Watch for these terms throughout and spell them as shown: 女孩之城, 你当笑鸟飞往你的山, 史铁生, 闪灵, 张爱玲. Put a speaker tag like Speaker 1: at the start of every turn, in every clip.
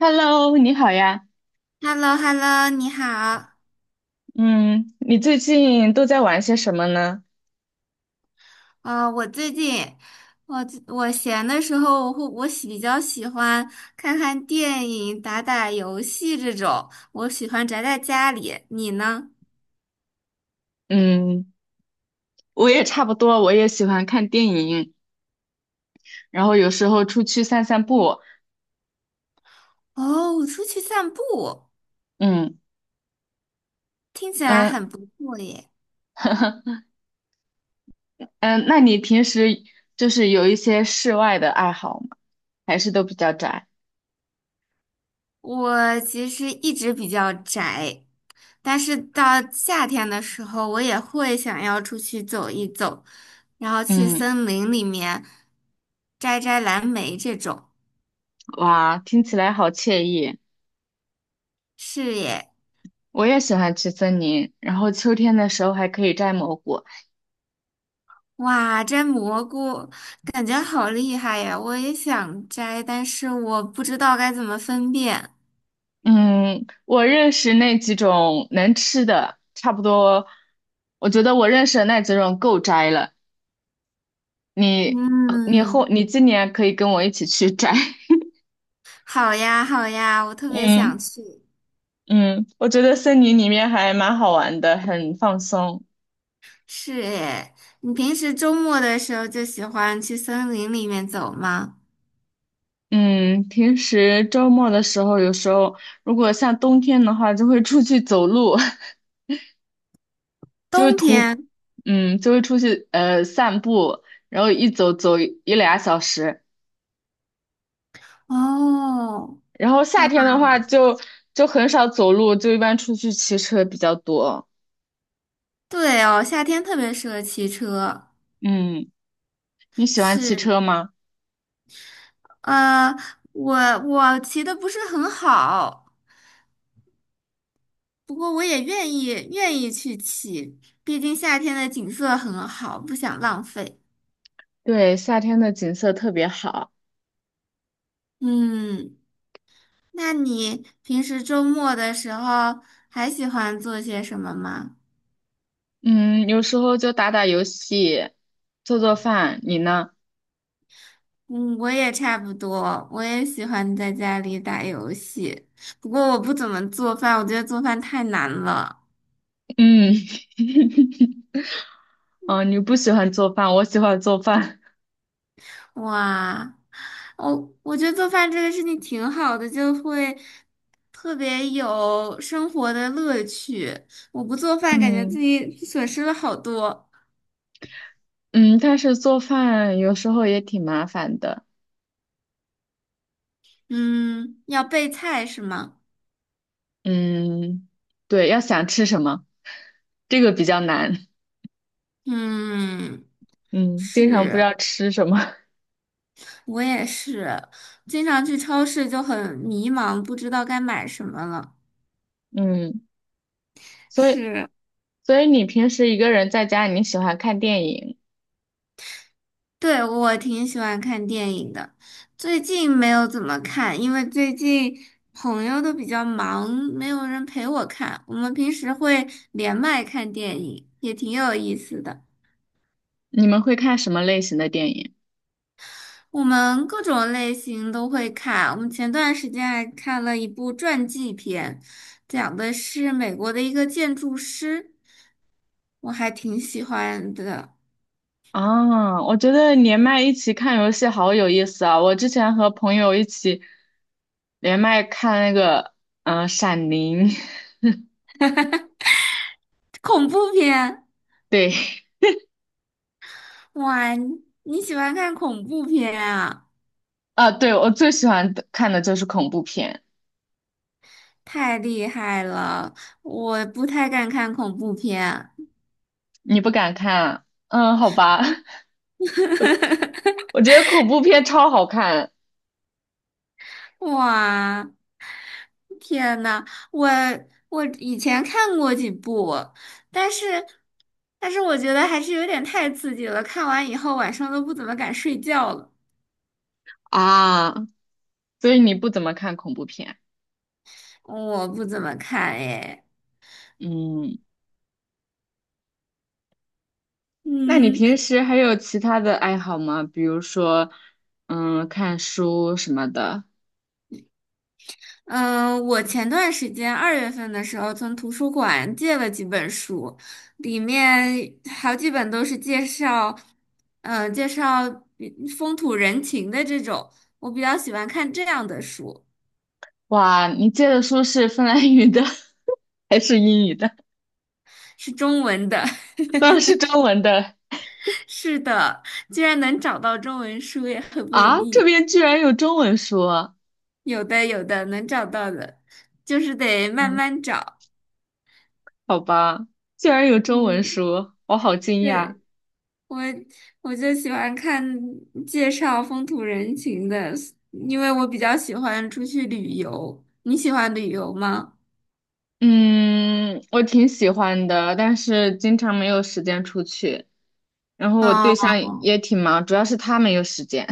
Speaker 1: Hello，你好呀。
Speaker 2: h e l l o h e l l o 你好。
Speaker 1: 嗯，你最近都在玩些什么呢？
Speaker 2: 我最近我闲的时候，我比较喜欢看看电影、打打游戏这种。我喜欢宅在家里，你呢？
Speaker 1: 嗯，我也差不多，我也喜欢看电影，然后有时候出去散散步。
Speaker 2: 哦，我出去散步，
Speaker 1: 嗯
Speaker 2: 听起来
Speaker 1: 嗯
Speaker 2: 很不错耶。
Speaker 1: 嗯，那你平时就是有一些室外的爱好吗？还是都比较宅？
Speaker 2: 我其实一直比较宅，但是到夏天的时候，我也会想要出去走一走，然后去
Speaker 1: 嗯，
Speaker 2: 森林里面摘摘蓝莓这种。
Speaker 1: 哇，听起来好惬意。
Speaker 2: 是耶。
Speaker 1: 我也喜欢去森林，然后秋天的时候还可以摘蘑菇。
Speaker 2: 哇，摘蘑菇感觉好厉害呀！我也想摘，但是我不知道该怎么分辨。
Speaker 1: 嗯，我认识那几种能吃的，差不多。我觉得我认识的那几种够摘了。你，呃你后，
Speaker 2: 嗯，
Speaker 1: 你今年可以跟我一起去摘。
Speaker 2: 好呀，好呀，我特别想
Speaker 1: 嗯
Speaker 2: 去。
Speaker 1: 嗯，我觉得森林里面还蛮好玩的，很放松。
Speaker 2: 是诶，你平时周末的时候就喜欢去森林里面走吗？
Speaker 1: 嗯，平时周末的时候，有时候如果像冬天的话，就会出去走路，就会
Speaker 2: 冬
Speaker 1: 徒，
Speaker 2: 天？
Speaker 1: 嗯，就会出去散步，然后一走走一俩小时。
Speaker 2: 哦，
Speaker 1: 然后夏天的话就很少走路，就一般出去骑车比较多。
Speaker 2: 对哦，夏天特别适合骑车。
Speaker 1: 嗯，你喜欢骑
Speaker 2: 是，
Speaker 1: 车吗？
Speaker 2: 呃，我我骑的不是很好。不过我也愿意去骑，毕竟夏天的景色很好，不想浪费。
Speaker 1: 对，夏天的景色特别好。
Speaker 2: 嗯，那你平时周末的时候还喜欢做些什么吗？
Speaker 1: 嗯，有时候就打打游戏，做做饭。你呢？
Speaker 2: 嗯，我也差不多，我也喜欢在家里打游戏，不过我不怎么做饭，我觉得做饭太难了。
Speaker 1: 嗯，哦，你不喜欢做饭，我喜欢做饭。
Speaker 2: 哇，我觉得做饭这个事情挺好的，就会特别有生活的乐趣。我不做 饭，感觉自
Speaker 1: 嗯
Speaker 2: 己损失了好多。
Speaker 1: 嗯，但是做饭有时候也挺麻烦的。
Speaker 2: 嗯，要备菜是吗？
Speaker 1: 嗯，对，要想吃什么，这个比较难。
Speaker 2: 嗯，
Speaker 1: 嗯，经常不知道吃什么。
Speaker 2: 我也是，经常去超市就很迷茫，不知道该买什么了。
Speaker 1: 嗯，所以
Speaker 2: 是。
Speaker 1: 所以你平时一个人在家，你喜欢看电影，
Speaker 2: 对，我挺喜欢看电影的，最近没有怎么看，因为最近朋友都比较忙，没有人陪我看。我们平时会连麦看电影，也挺有意思的。
Speaker 1: 你们会看什么类型的电影？
Speaker 2: 我们各种类型都会看。我们前段时间还看了一部传记片，讲的是美国的一个建筑师，我还挺喜欢的。
Speaker 1: 啊，我觉得连麦一起看游戏好有意思啊！我之前和朋友一起连麦看那个，《闪灵》，
Speaker 2: 恐怖片，
Speaker 1: 对，
Speaker 2: 哇，你喜欢看恐怖片啊？
Speaker 1: 啊，对，我最喜欢的看的就是恐怖片，
Speaker 2: 太厉害了，我不太敢看恐怖片。
Speaker 1: 你不敢看啊嗯，好吧，我觉得恐怖片超好看
Speaker 2: 哇，天呐，我我以前看过几部，但是但是我觉得还是有点太刺激了，看完以后晚上都不怎么敢睡觉了。
Speaker 1: 啊，所以你不怎么看恐怖片，
Speaker 2: 我不怎么看诶，
Speaker 1: 嗯。那你
Speaker 2: 嗯。
Speaker 1: 平时还有其他的爱好吗？比如说，看书什么的。
Speaker 2: 嗯，我前段时间二月份的时候从图书馆借了几本书，里面好几本都是介绍，介绍比风土人情的这种，我比较喜欢看这样的书，
Speaker 1: 哇，你借的书是芬兰语的 还是英语的？
Speaker 2: 是中文的。
Speaker 1: 当然是中文的
Speaker 2: 是的，居然能找到中文书也很不
Speaker 1: 啊！
Speaker 2: 容
Speaker 1: 这
Speaker 2: 易，
Speaker 1: 边居然有中文书啊，
Speaker 2: 有的有的能找到的，就是得慢
Speaker 1: 嗯，
Speaker 2: 慢找。
Speaker 1: 好吧，居然有中文
Speaker 2: 嗯，
Speaker 1: 书，我好惊讶。
Speaker 2: 对。我我就喜欢看介绍风土人情的，因为我比较喜欢出去旅游。你喜欢旅游吗？
Speaker 1: 嗯，我挺喜欢的，但是经常没有时间出去。然后我对
Speaker 2: 哦，
Speaker 1: 象也挺忙，主要是他没有时间。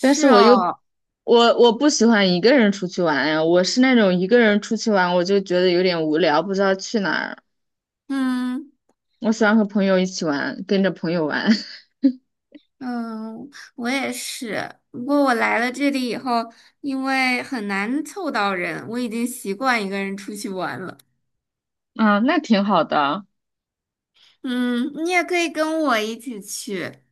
Speaker 1: 但是我又
Speaker 2: 哦，
Speaker 1: 我不喜欢一个人出去玩呀，我是那种一个人出去玩我就觉得有点无聊，不知道去哪儿。
Speaker 2: 嗯
Speaker 1: 我喜欢和朋友一起玩，跟着朋友玩。
Speaker 2: 嗯，我也是。不过我来了这里以后，因为很难凑到人，我已经习惯一个人出去玩了。
Speaker 1: 嗯，那挺好的
Speaker 2: 嗯，你也可以跟我一起去。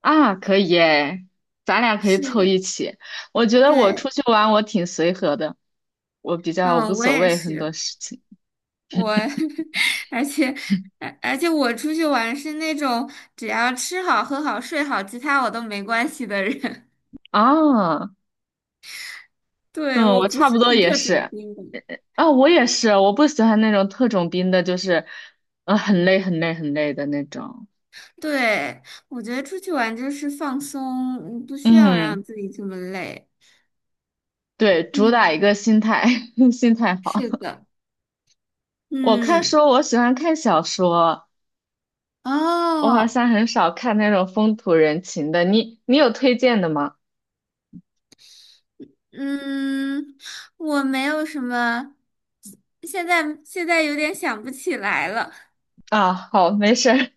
Speaker 1: 啊，可以耶，咱俩可以
Speaker 2: 是，
Speaker 1: 凑一起。我觉得我出
Speaker 2: 对，
Speaker 1: 去玩我挺随和的，我比较无
Speaker 2: 嗯，我
Speaker 1: 所
Speaker 2: 也
Speaker 1: 谓很多
Speaker 2: 是。
Speaker 1: 事情。
Speaker 2: 我 而且而且我出去玩是那种只要吃好、喝好、睡好，其他我都没关系的人。
Speaker 1: 啊，
Speaker 2: 对，
Speaker 1: 嗯，
Speaker 2: 我
Speaker 1: 我
Speaker 2: 不
Speaker 1: 差
Speaker 2: 是
Speaker 1: 不多
Speaker 2: 很
Speaker 1: 也
Speaker 2: 特种
Speaker 1: 是。
Speaker 2: 兵的。
Speaker 1: 啊，我也是，我不喜欢那种特种兵的，就是，很累很累很累的那种。
Speaker 2: 对，我觉得出去玩就是放松，嗯不需要
Speaker 1: 嗯。
Speaker 2: 让自己这么累。
Speaker 1: 对，主打一
Speaker 2: 嗯，
Speaker 1: 个心态，心态好。
Speaker 2: 是的，
Speaker 1: 我看书，
Speaker 2: 嗯，
Speaker 1: 我喜欢看小说，我好
Speaker 2: 哦，
Speaker 1: 像很少看那种风土人情的。你有推荐的吗？
Speaker 2: 嗯，我没有什么，现在有点想不起来了。
Speaker 1: 啊，好，没事儿。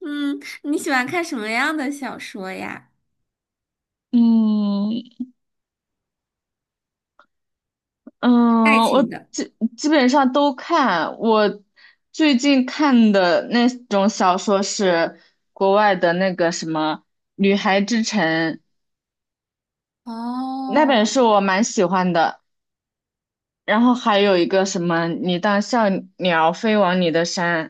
Speaker 2: 嗯，你喜欢看什么样的小说呀？
Speaker 1: 嗯
Speaker 2: 爱
Speaker 1: 嗯，我
Speaker 2: 情的。
Speaker 1: 基本上都看。我最近看的那种小说是国外的那个什么《女孩之城》，那本
Speaker 2: 哦，
Speaker 1: 书我蛮喜欢的。然后还有一个什么《你当笑鸟飞往你的山》。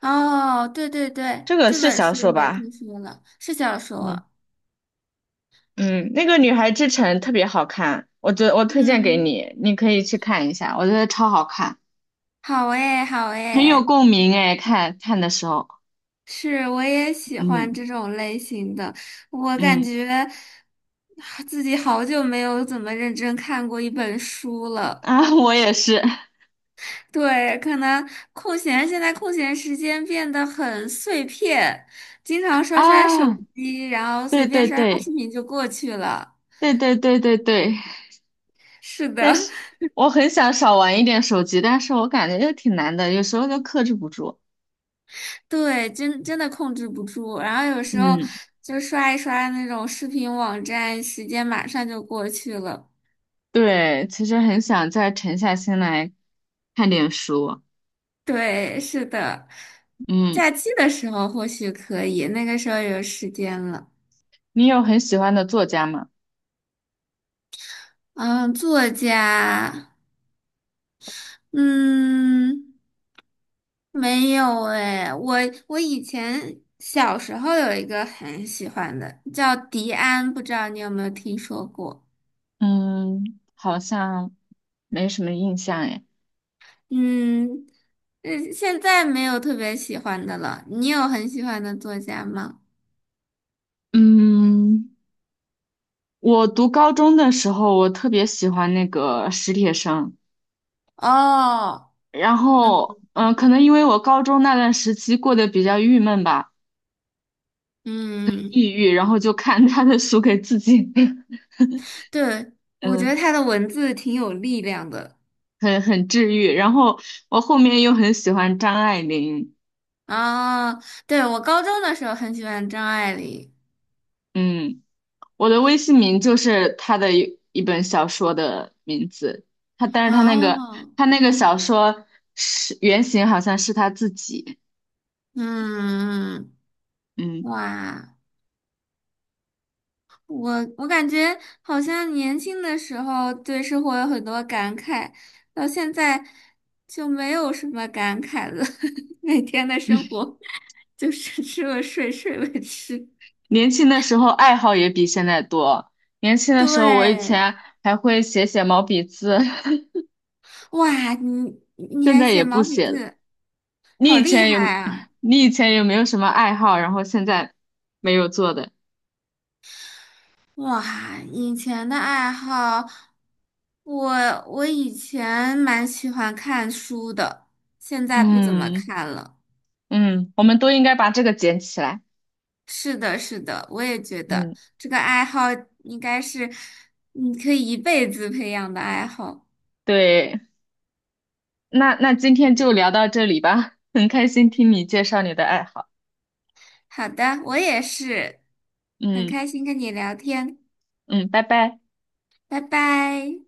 Speaker 2: 哦，对对对，
Speaker 1: 这个
Speaker 2: 这
Speaker 1: 是
Speaker 2: 本
Speaker 1: 小说
Speaker 2: 书我也
Speaker 1: 吧？
Speaker 2: 听说了，是小
Speaker 1: 嗯
Speaker 2: 说。
Speaker 1: 嗯，那个《女孩之城》特别好看，我觉得我推荐给
Speaker 2: 嗯，
Speaker 1: 你，你可以去看一下，我觉得超好看，
Speaker 2: 好诶，好
Speaker 1: 很有
Speaker 2: 诶，
Speaker 1: 共鸣哎，看看的时候，
Speaker 2: 是，我也喜欢
Speaker 1: 嗯
Speaker 2: 这种类型的。我感
Speaker 1: 嗯
Speaker 2: 觉啊自己好久没有怎么认真看过一本书 了。
Speaker 1: 啊，我也是
Speaker 2: 对，可能空闲，现在空闲时间变得很碎片，经常刷刷手
Speaker 1: 啊，
Speaker 2: 机，然后随
Speaker 1: 对
Speaker 2: 便
Speaker 1: 对
Speaker 2: 刷刷
Speaker 1: 对
Speaker 2: 视频就过去了。
Speaker 1: 对对对对对，
Speaker 2: 是
Speaker 1: 但
Speaker 2: 的。
Speaker 1: 是我很想少玩一点手机，但是我感觉又挺难的，有时候就克制不住。
Speaker 2: 对，真真的控制不住。然后有时候
Speaker 1: 嗯，
Speaker 2: 就刷一刷那种视频网站，时间马上就过去了。
Speaker 1: 对，其实很想再沉下心来看点书。
Speaker 2: 对，是的，
Speaker 1: 嗯，
Speaker 2: 假期的时候或许可以，那个时候有时间了。
Speaker 1: 你有很喜欢的作家吗？
Speaker 2: 嗯，作家，嗯，没有诶，我以前小时候有一个很喜欢的，叫迪安，不知道你有没有听说过？
Speaker 1: 嗯，好像没什么印象哎。
Speaker 2: 嗯，嗯，现在没有特别喜欢的了。你有很喜欢的作家吗？
Speaker 1: 嗯，我读高中的时候，我特别喜欢那个史铁生，
Speaker 2: 哦，
Speaker 1: 然
Speaker 2: 嗯
Speaker 1: 后可能因为我高中那段时期过得比较郁闷吧，
Speaker 2: 嗯，
Speaker 1: 抑郁，然后就看他的书给自己，
Speaker 2: 对，我觉
Speaker 1: 嗯，
Speaker 2: 得他的文字挺有力量的。
Speaker 1: 很治愈。然后我后面又很喜欢张爱玲，
Speaker 2: 啊。对，我高中的时候很喜欢张爱玲。
Speaker 1: 嗯。我的微信名就是他的一本小说的名字，他但是他那个
Speaker 2: 哦，
Speaker 1: 他那个小说是原型好像是他自己，
Speaker 2: 嗯，
Speaker 1: 嗯，
Speaker 2: 哇。我我感觉好像年轻的时候对生活有很多感慨，到现在就没有什么感慨了。每天的生活就是吃了睡，睡了吃。
Speaker 1: 年轻的时候爱好也比现在多，年轻的时候我以
Speaker 2: 对，
Speaker 1: 前还会写写毛笔字，
Speaker 2: 哇，你 你
Speaker 1: 现
Speaker 2: 还
Speaker 1: 在
Speaker 2: 写
Speaker 1: 也不
Speaker 2: 毛笔
Speaker 1: 写了。
Speaker 2: 字，
Speaker 1: 你
Speaker 2: 好
Speaker 1: 以
Speaker 2: 厉
Speaker 1: 前有
Speaker 2: 害啊！
Speaker 1: 你以前有没有什么爱好，然后现在没有做的？
Speaker 2: 哇，以前的爱好，我我以前蛮喜欢看书的，现在不怎么
Speaker 1: 嗯
Speaker 2: 看了。
Speaker 1: 嗯，我们都应该把这个捡起来。
Speaker 2: 是的，是的，我也觉得
Speaker 1: 嗯，
Speaker 2: 这个爱好应该是你可以一辈子培养的爱好。
Speaker 1: 对。那今天就聊到这里吧，很开心听你介绍你的爱好。
Speaker 2: 好的，我也是，很
Speaker 1: 嗯
Speaker 2: 开心跟你聊天，
Speaker 1: 嗯，拜拜。
Speaker 2: 拜拜。